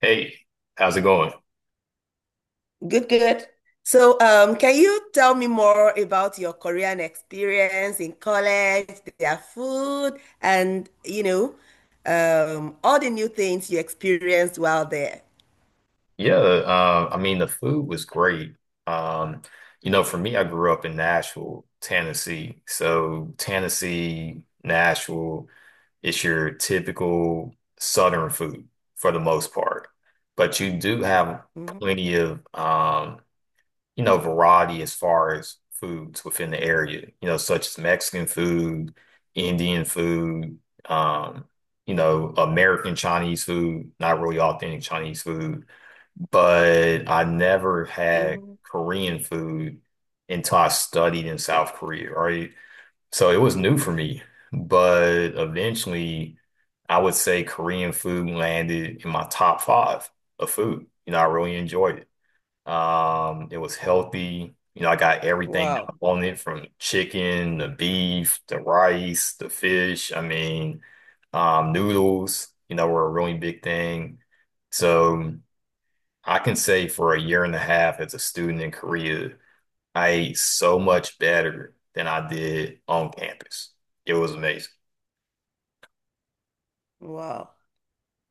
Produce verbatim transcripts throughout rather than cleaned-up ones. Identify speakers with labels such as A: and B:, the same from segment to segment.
A: Hey, how's it going?
B: Good, good. So, um, can you tell me more about your Korean experience in college, their food, and you know, um, all the new things you experienced while there?
A: Yeah, uh, I mean the food was great. Um, you know, for me, I grew up in Nashville, Tennessee. So Tennessee, Nashville, it's your typical Southern food for the most part, but you do have
B: Hmm.
A: plenty of um, you know, variety as far as foods within the area, you know, such as Mexican food, Indian food, um, you know, American Chinese food, not really authentic Chinese food. But I never had
B: Hmm.
A: Korean food until I studied in South Korea, right? So it was new for me. But eventually, I would say Korean food landed in my top five of food. You know, I really enjoyed it. Um, it was healthy. You know, I got everything that
B: Wow,
A: I wanted from chicken, the beef, the rice, the fish. I mean, um, noodles, you know, were a really big thing. So I can say for a year and a half as a student in Korea, I ate so much better than I did on campus. It was amazing.
B: wow,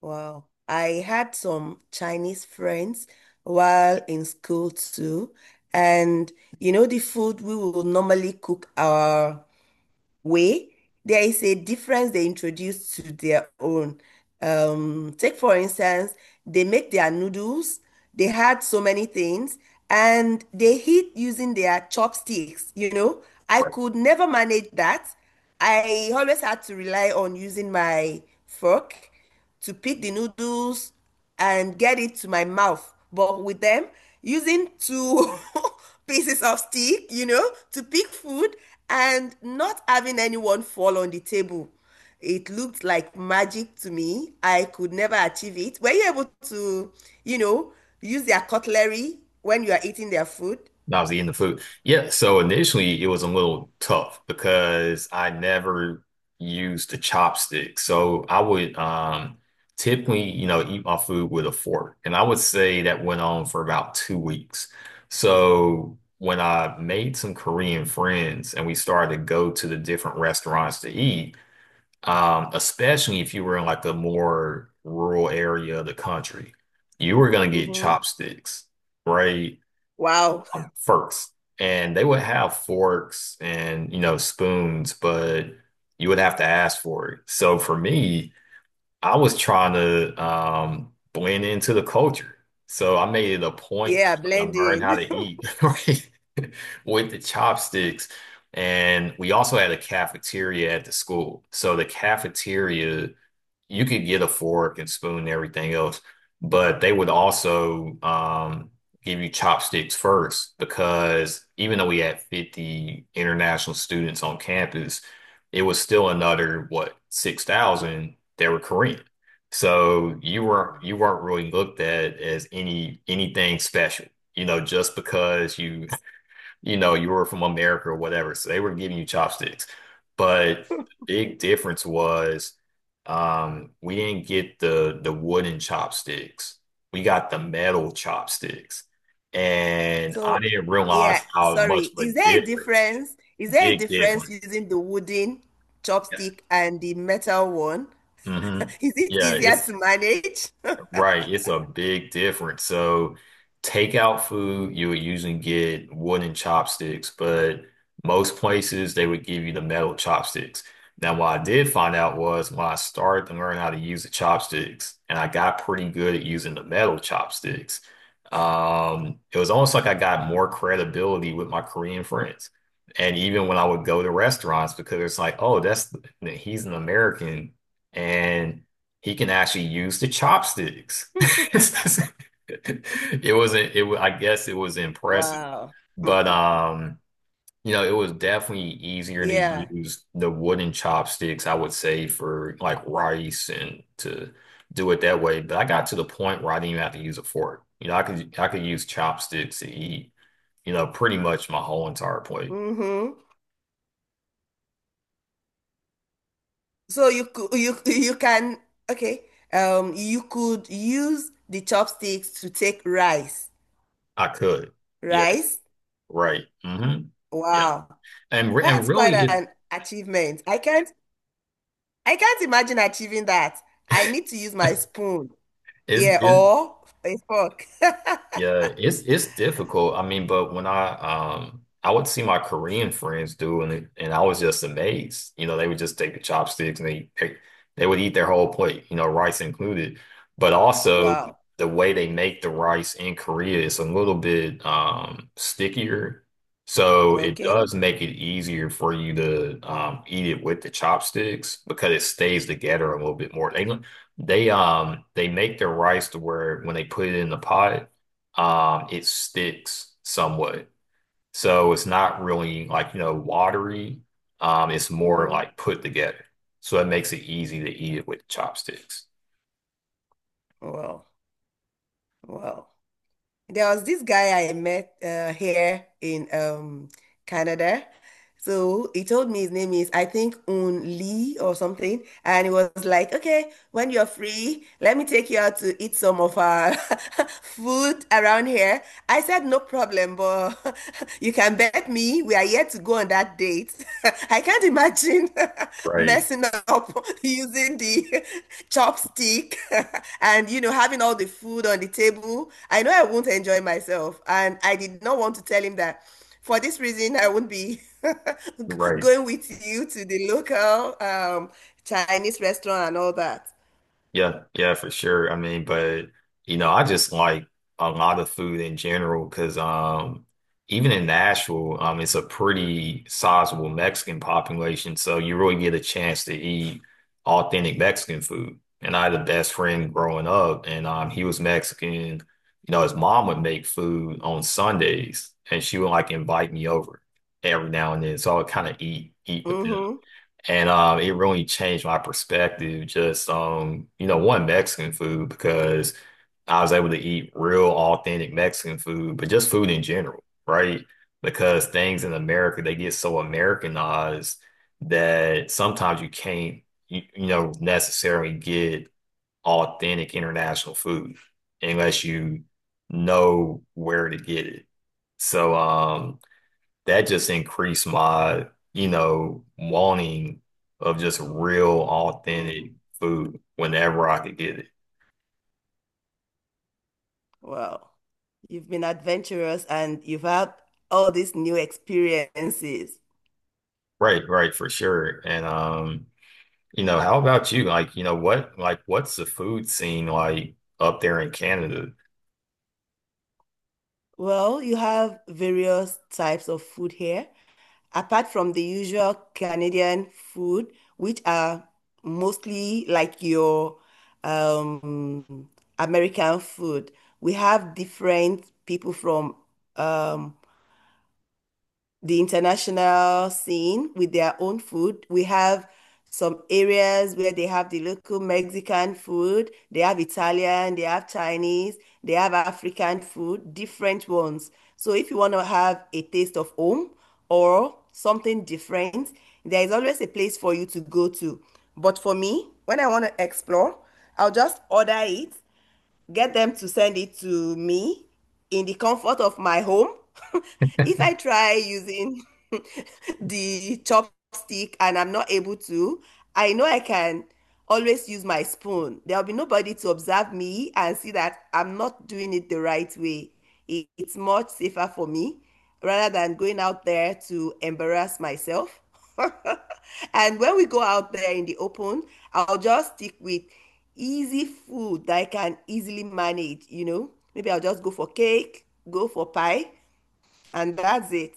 B: wow. I had some Chinese friends while in school too, and you know, the food we will normally cook our way, there is a difference they introduce to their own. Um, take for instance, they make their noodles. They had so many things and they eat using their chopsticks, you know. I could never manage that. I always had to rely on using my fork to pick the noodles and get it to my mouth. But with them, using two pieces of stick, you know, to pick food and not having anyone fall on the table. It looked like magic to me. I could never achieve it. Were you able to, you know, use their cutlery when you are eating their food?
A: I was eating the food. Yeah, so initially it was a little tough because I never used the chopstick. So I would um typically, you know, eat my food with a fork. And I would say that went on for about two weeks. So when I made some Korean friends and we started to go to the different restaurants to eat, um, especially if you were in like a more rural area of the country, you were gonna get
B: Hmm.
A: chopsticks, right?
B: Wow.
A: Um, forks, and they would have forks and you know spoons, but you would have to ask for it. So for me, I was trying to um, blend into the culture, so I made it a point
B: Yeah,
A: to try to learn how
B: blending.
A: to eat right with the chopsticks. And we also had a cafeteria at the school. So the cafeteria you could get a fork and spoon and everything else, but they would also um, give you chopsticks first because even though we had fifty international students on campus, it was still another, what, six thousand that were Korean. So you weren't you weren't really looked at as any anything special, you know, just because you you know, you were from America or whatever. So they were giving you chopsticks. But big difference was, um, we didn't get the the wooden chopsticks. We got the metal chopsticks. And I
B: So,
A: didn't realize
B: yeah,
A: how much
B: sorry.
A: of a
B: Is there a
A: difference,
B: difference? Is there a
A: big
B: difference
A: difference.
B: using the wooden
A: Yeah.
B: chopstick and the metal one?
A: Hmm.
B: Is it
A: Yeah,
B: easier
A: it's
B: to manage?
A: right, it's a big difference. So, takeout food, you would usually get wooden chopsticks, but most places they would give you the metal chopsticks. Now, what I did find out was when I started to learn how to use the chopsticks, and I got pretty good at using the metal chopsticks, um, it was almost like I got more credibility with my Korean friends. And even when I would go to restaurants, because it's like, oh, that's he's an American. And he can actually use the chopsticks. It wasn't it wa- I guess it was impressive.
B: Wow.
A: But um, you know, it was definitely easier to
B: Yeah.
A: use the wooden chopsticks, I would say, for like rice and to do it that way. But I got to the point where I didn't even have to use a fork. You know, I could I could use chopsticks to eat, you know, pretty much my whole entire plate.
B: Hmm. So you could you you can okay. Um, you could use the chopsticks to take rice.
A: I could. Yes.
B: Rice?
A: Right. Hmm. Yeah.
B: Wow,
A: And re- and
B: that's quite
A: really it
B: an achievement. I can't I can't imagine achieving that. I need to use my spoon.
A: is
B: Yeah, or a fork.
A: yeah, it's it's difficult. I mean, but when I um I would see my Korean friends do and they- and I was just amazed. You know, they would just take the chopsticks and they pick they would eat their whole plate, you know, rice included. But also
B: Wow.
A: the way they make the rice in Korea is a little bit um stickier. So it
B: Okay.
A: does make it easier for you to um eat it with the chopsticks because it stays together a little bit more. They they um they make their rice to where when they put it in the pot, um, it sticks somewhat. So it's not really like, you know, watery. Um, it's more
B: Mm-hmm.
A: like put together. So it makes it easy to eat it with chopsticks.
B: Wow. Wow. There was this guy I met uh, here in um, Canada. So he told me his name is, I think, Un Lee or something. And he was like, okay, when you're free, let me take you out to eat some of our food around here. I said, no problem, but you can bet me we are yet to go on that date. I can't imagine
A: Right,
B: messing up using the chopstick and, you know, having all the food on the table. I know I won't enjoy myself. And I did not want to tell him that for this reason, I won't be g-
A: right.
B: going with you to the local um, Chinese restaurant and all that.
A: Yeah, yeah, for sure. I mean, but you know, I just like a lot of food in general because um even in Nashville, um it's a pretty sizable Mexican population, so you really get a chance to eat authentic Mexican food. And I had a best friend growing up and um he was Mexican. You know, his mom would make food on Sundays and she would like invite me over every now and then. So I would kind of eat eat with them.
B: Mm-hmm.
A: And um, it really changed my perspective, just um, you know, one Mexican food because I was able to eat real authentic Mexican food, but just food in general, right? Because things in America, they get so Americanized that sometimes you can't, you, you know, necessarily get authentic international food unless you know where to get it. So, um, that just increased my, you know, wanting of just real authentic
B: Mm.
A: food whenever I could get it.
B: Wow. You've been adventurous and you've had all these new experiences.
A: Right, right, for sure. And um, you know, how about you? Like, you know, what like what's the food scene like up there in Canada?
B: Well, you have various types of food here, apart from the usual Canadian food, which are mostly like your um, American food. We have different people from um, the international scene with their own food. We have some areas where they have the local Mexican food, they have Italian, they have Chinese, they have African food, different ones. So if you want to have a taste of home or something different, there is always a place for you to go to. But for me, when I want to explore, I'll just order it get them to send it to me in the comfort of my home. If I try using the chopstick and I'm not able to, I know I can always use my spoon. There'll be nobody to observe me and see that I'm not doing it the right way. It's much safer for me rather than going out there to embarrass myself. And when we go out there in the open, I'll just stick with easy food that I can easily manage, you know. Maybe I'll just go for cake, go for pie, and that's it.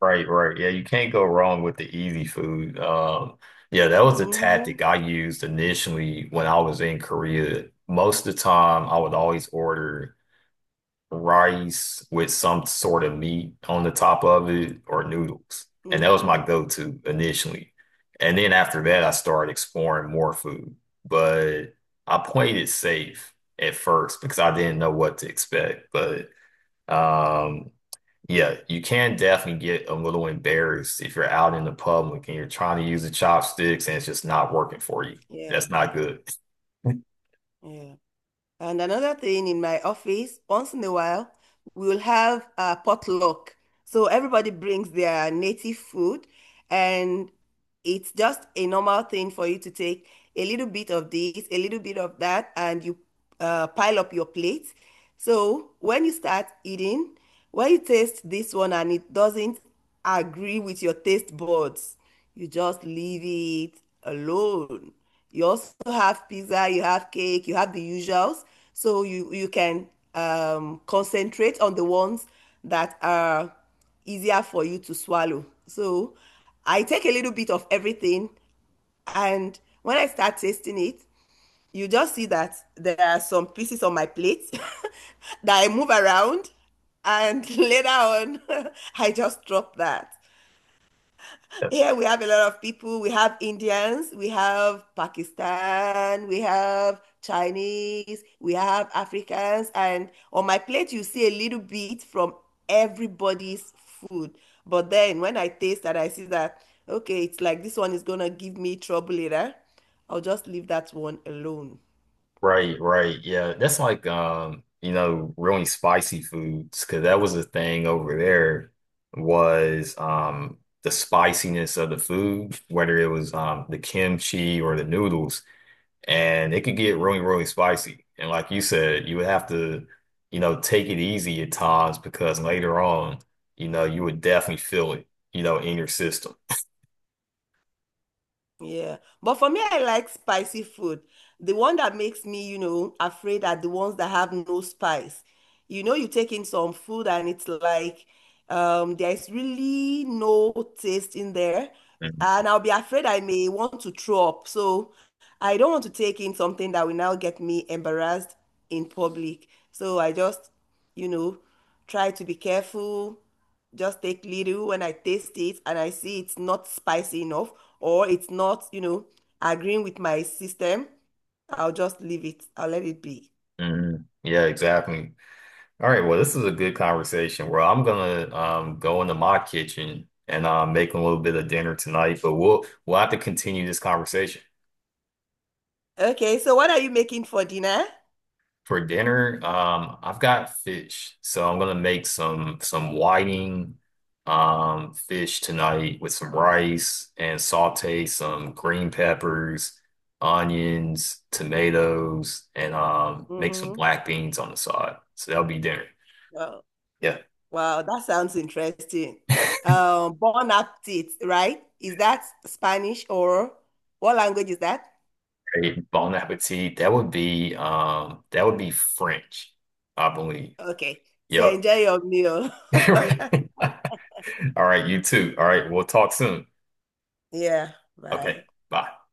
A: Right, right. Yeah, you can't go wrong with the easy food. Um, yeah, that was a
B: Mm-hmm.
A: tactic I used initially when I was in Korea. Most of the time, I would always order rice with some sort of meat on the top of it or noodles. And that was
B: Mm-hmm.
A: my go-to initially. And then after that, I started exploring more food. But I played it safe at first because I didn't know what to expect. But um, yeah, you can definitely get a little embarrassed if you're out in the public and you're trying to use the chopsticks and it's just not working for you.
B: Yeah,
A: That's not good.
B: yeah. And another thing in my office, once in a while, we'll have a potluck. So everybody brings their native food, and it's just a normal thing for you to take a little bit of this, a little bit of that, and you uh, pile up your plate. So when you start eating, when you taste this one and it doesn't agree with your taste buds, you just leave it alone. You also have pizza, you have cake, you have the usuals. So you you can um, concentrate on the ones that are easier for you to swallow. So I take a little bit of everything, and when I start tasting it, you just see that there are some pieces on my plate that I move around, and later on, I just drop that. Here we have a lot of people. We have Indians, we have Pakistan, we have Chinese, we have Africans, and on my plate, you see a little bit from everybody's food. But then when I taste that, I see that, okay, it's like this one is gonna give me trouble later. I'll just leave that one alone.
A: Right, right. Yeah, that's like um, you know, really spicy foods because that was the thing over there was um the spiciness of the food, whether it was um the kimchi or the noodles, and it could get really, really spicy. And like you said, you would have to, you know, take it easy at times because later on, you know, you would definitely feel it, you know, in your system.
B: Yeah. But for me, I like spicy food. The one that makes me, you know, afraid are the ones that have no spice. You know, you take in some food and it's like um there's really no taste in there.
A: Mhm.
B: And I'll be afraid I may want to throw up. So I don't want to take in something that will now get me embarrassed in public. So I just, you know, try to be careful just take little and I taste it and I see it's not spicy enough or it's not, you know, agreeing with my system, I'll just leave it. I'll let it be.
A: Mhm. Yeah, exactly. All right, well, this is a good conversation. Well, I'm gonna um go into my kitchen and uh, make a little bit of dinner tonight, but we'll we'll have to continue this conversation.
B: Okay, so what are you making for dinner?
A: For dinner, um, I've got fish, so I'm gonna make some some whiting um fish tonight with some rice and saute some green peppers, onions, tomatoes, and um make some
B: Mm-hmm.
A: black beans on the side. So that'll be dinner.
B: Wow.
A: Yeah.
B: Wow, that sounds interesting. Um, bon appetit, right? Is that Spanish or what language is that?
A: Great. Bon appetit. That would be um that would be French, I believe.
B: Okay, so
A: Yep.
B: enjoy your meal.
A: All right, you too. All right, we'll talk soon.
B: Yeah,
A: Okay,
B: bye.
A: bye.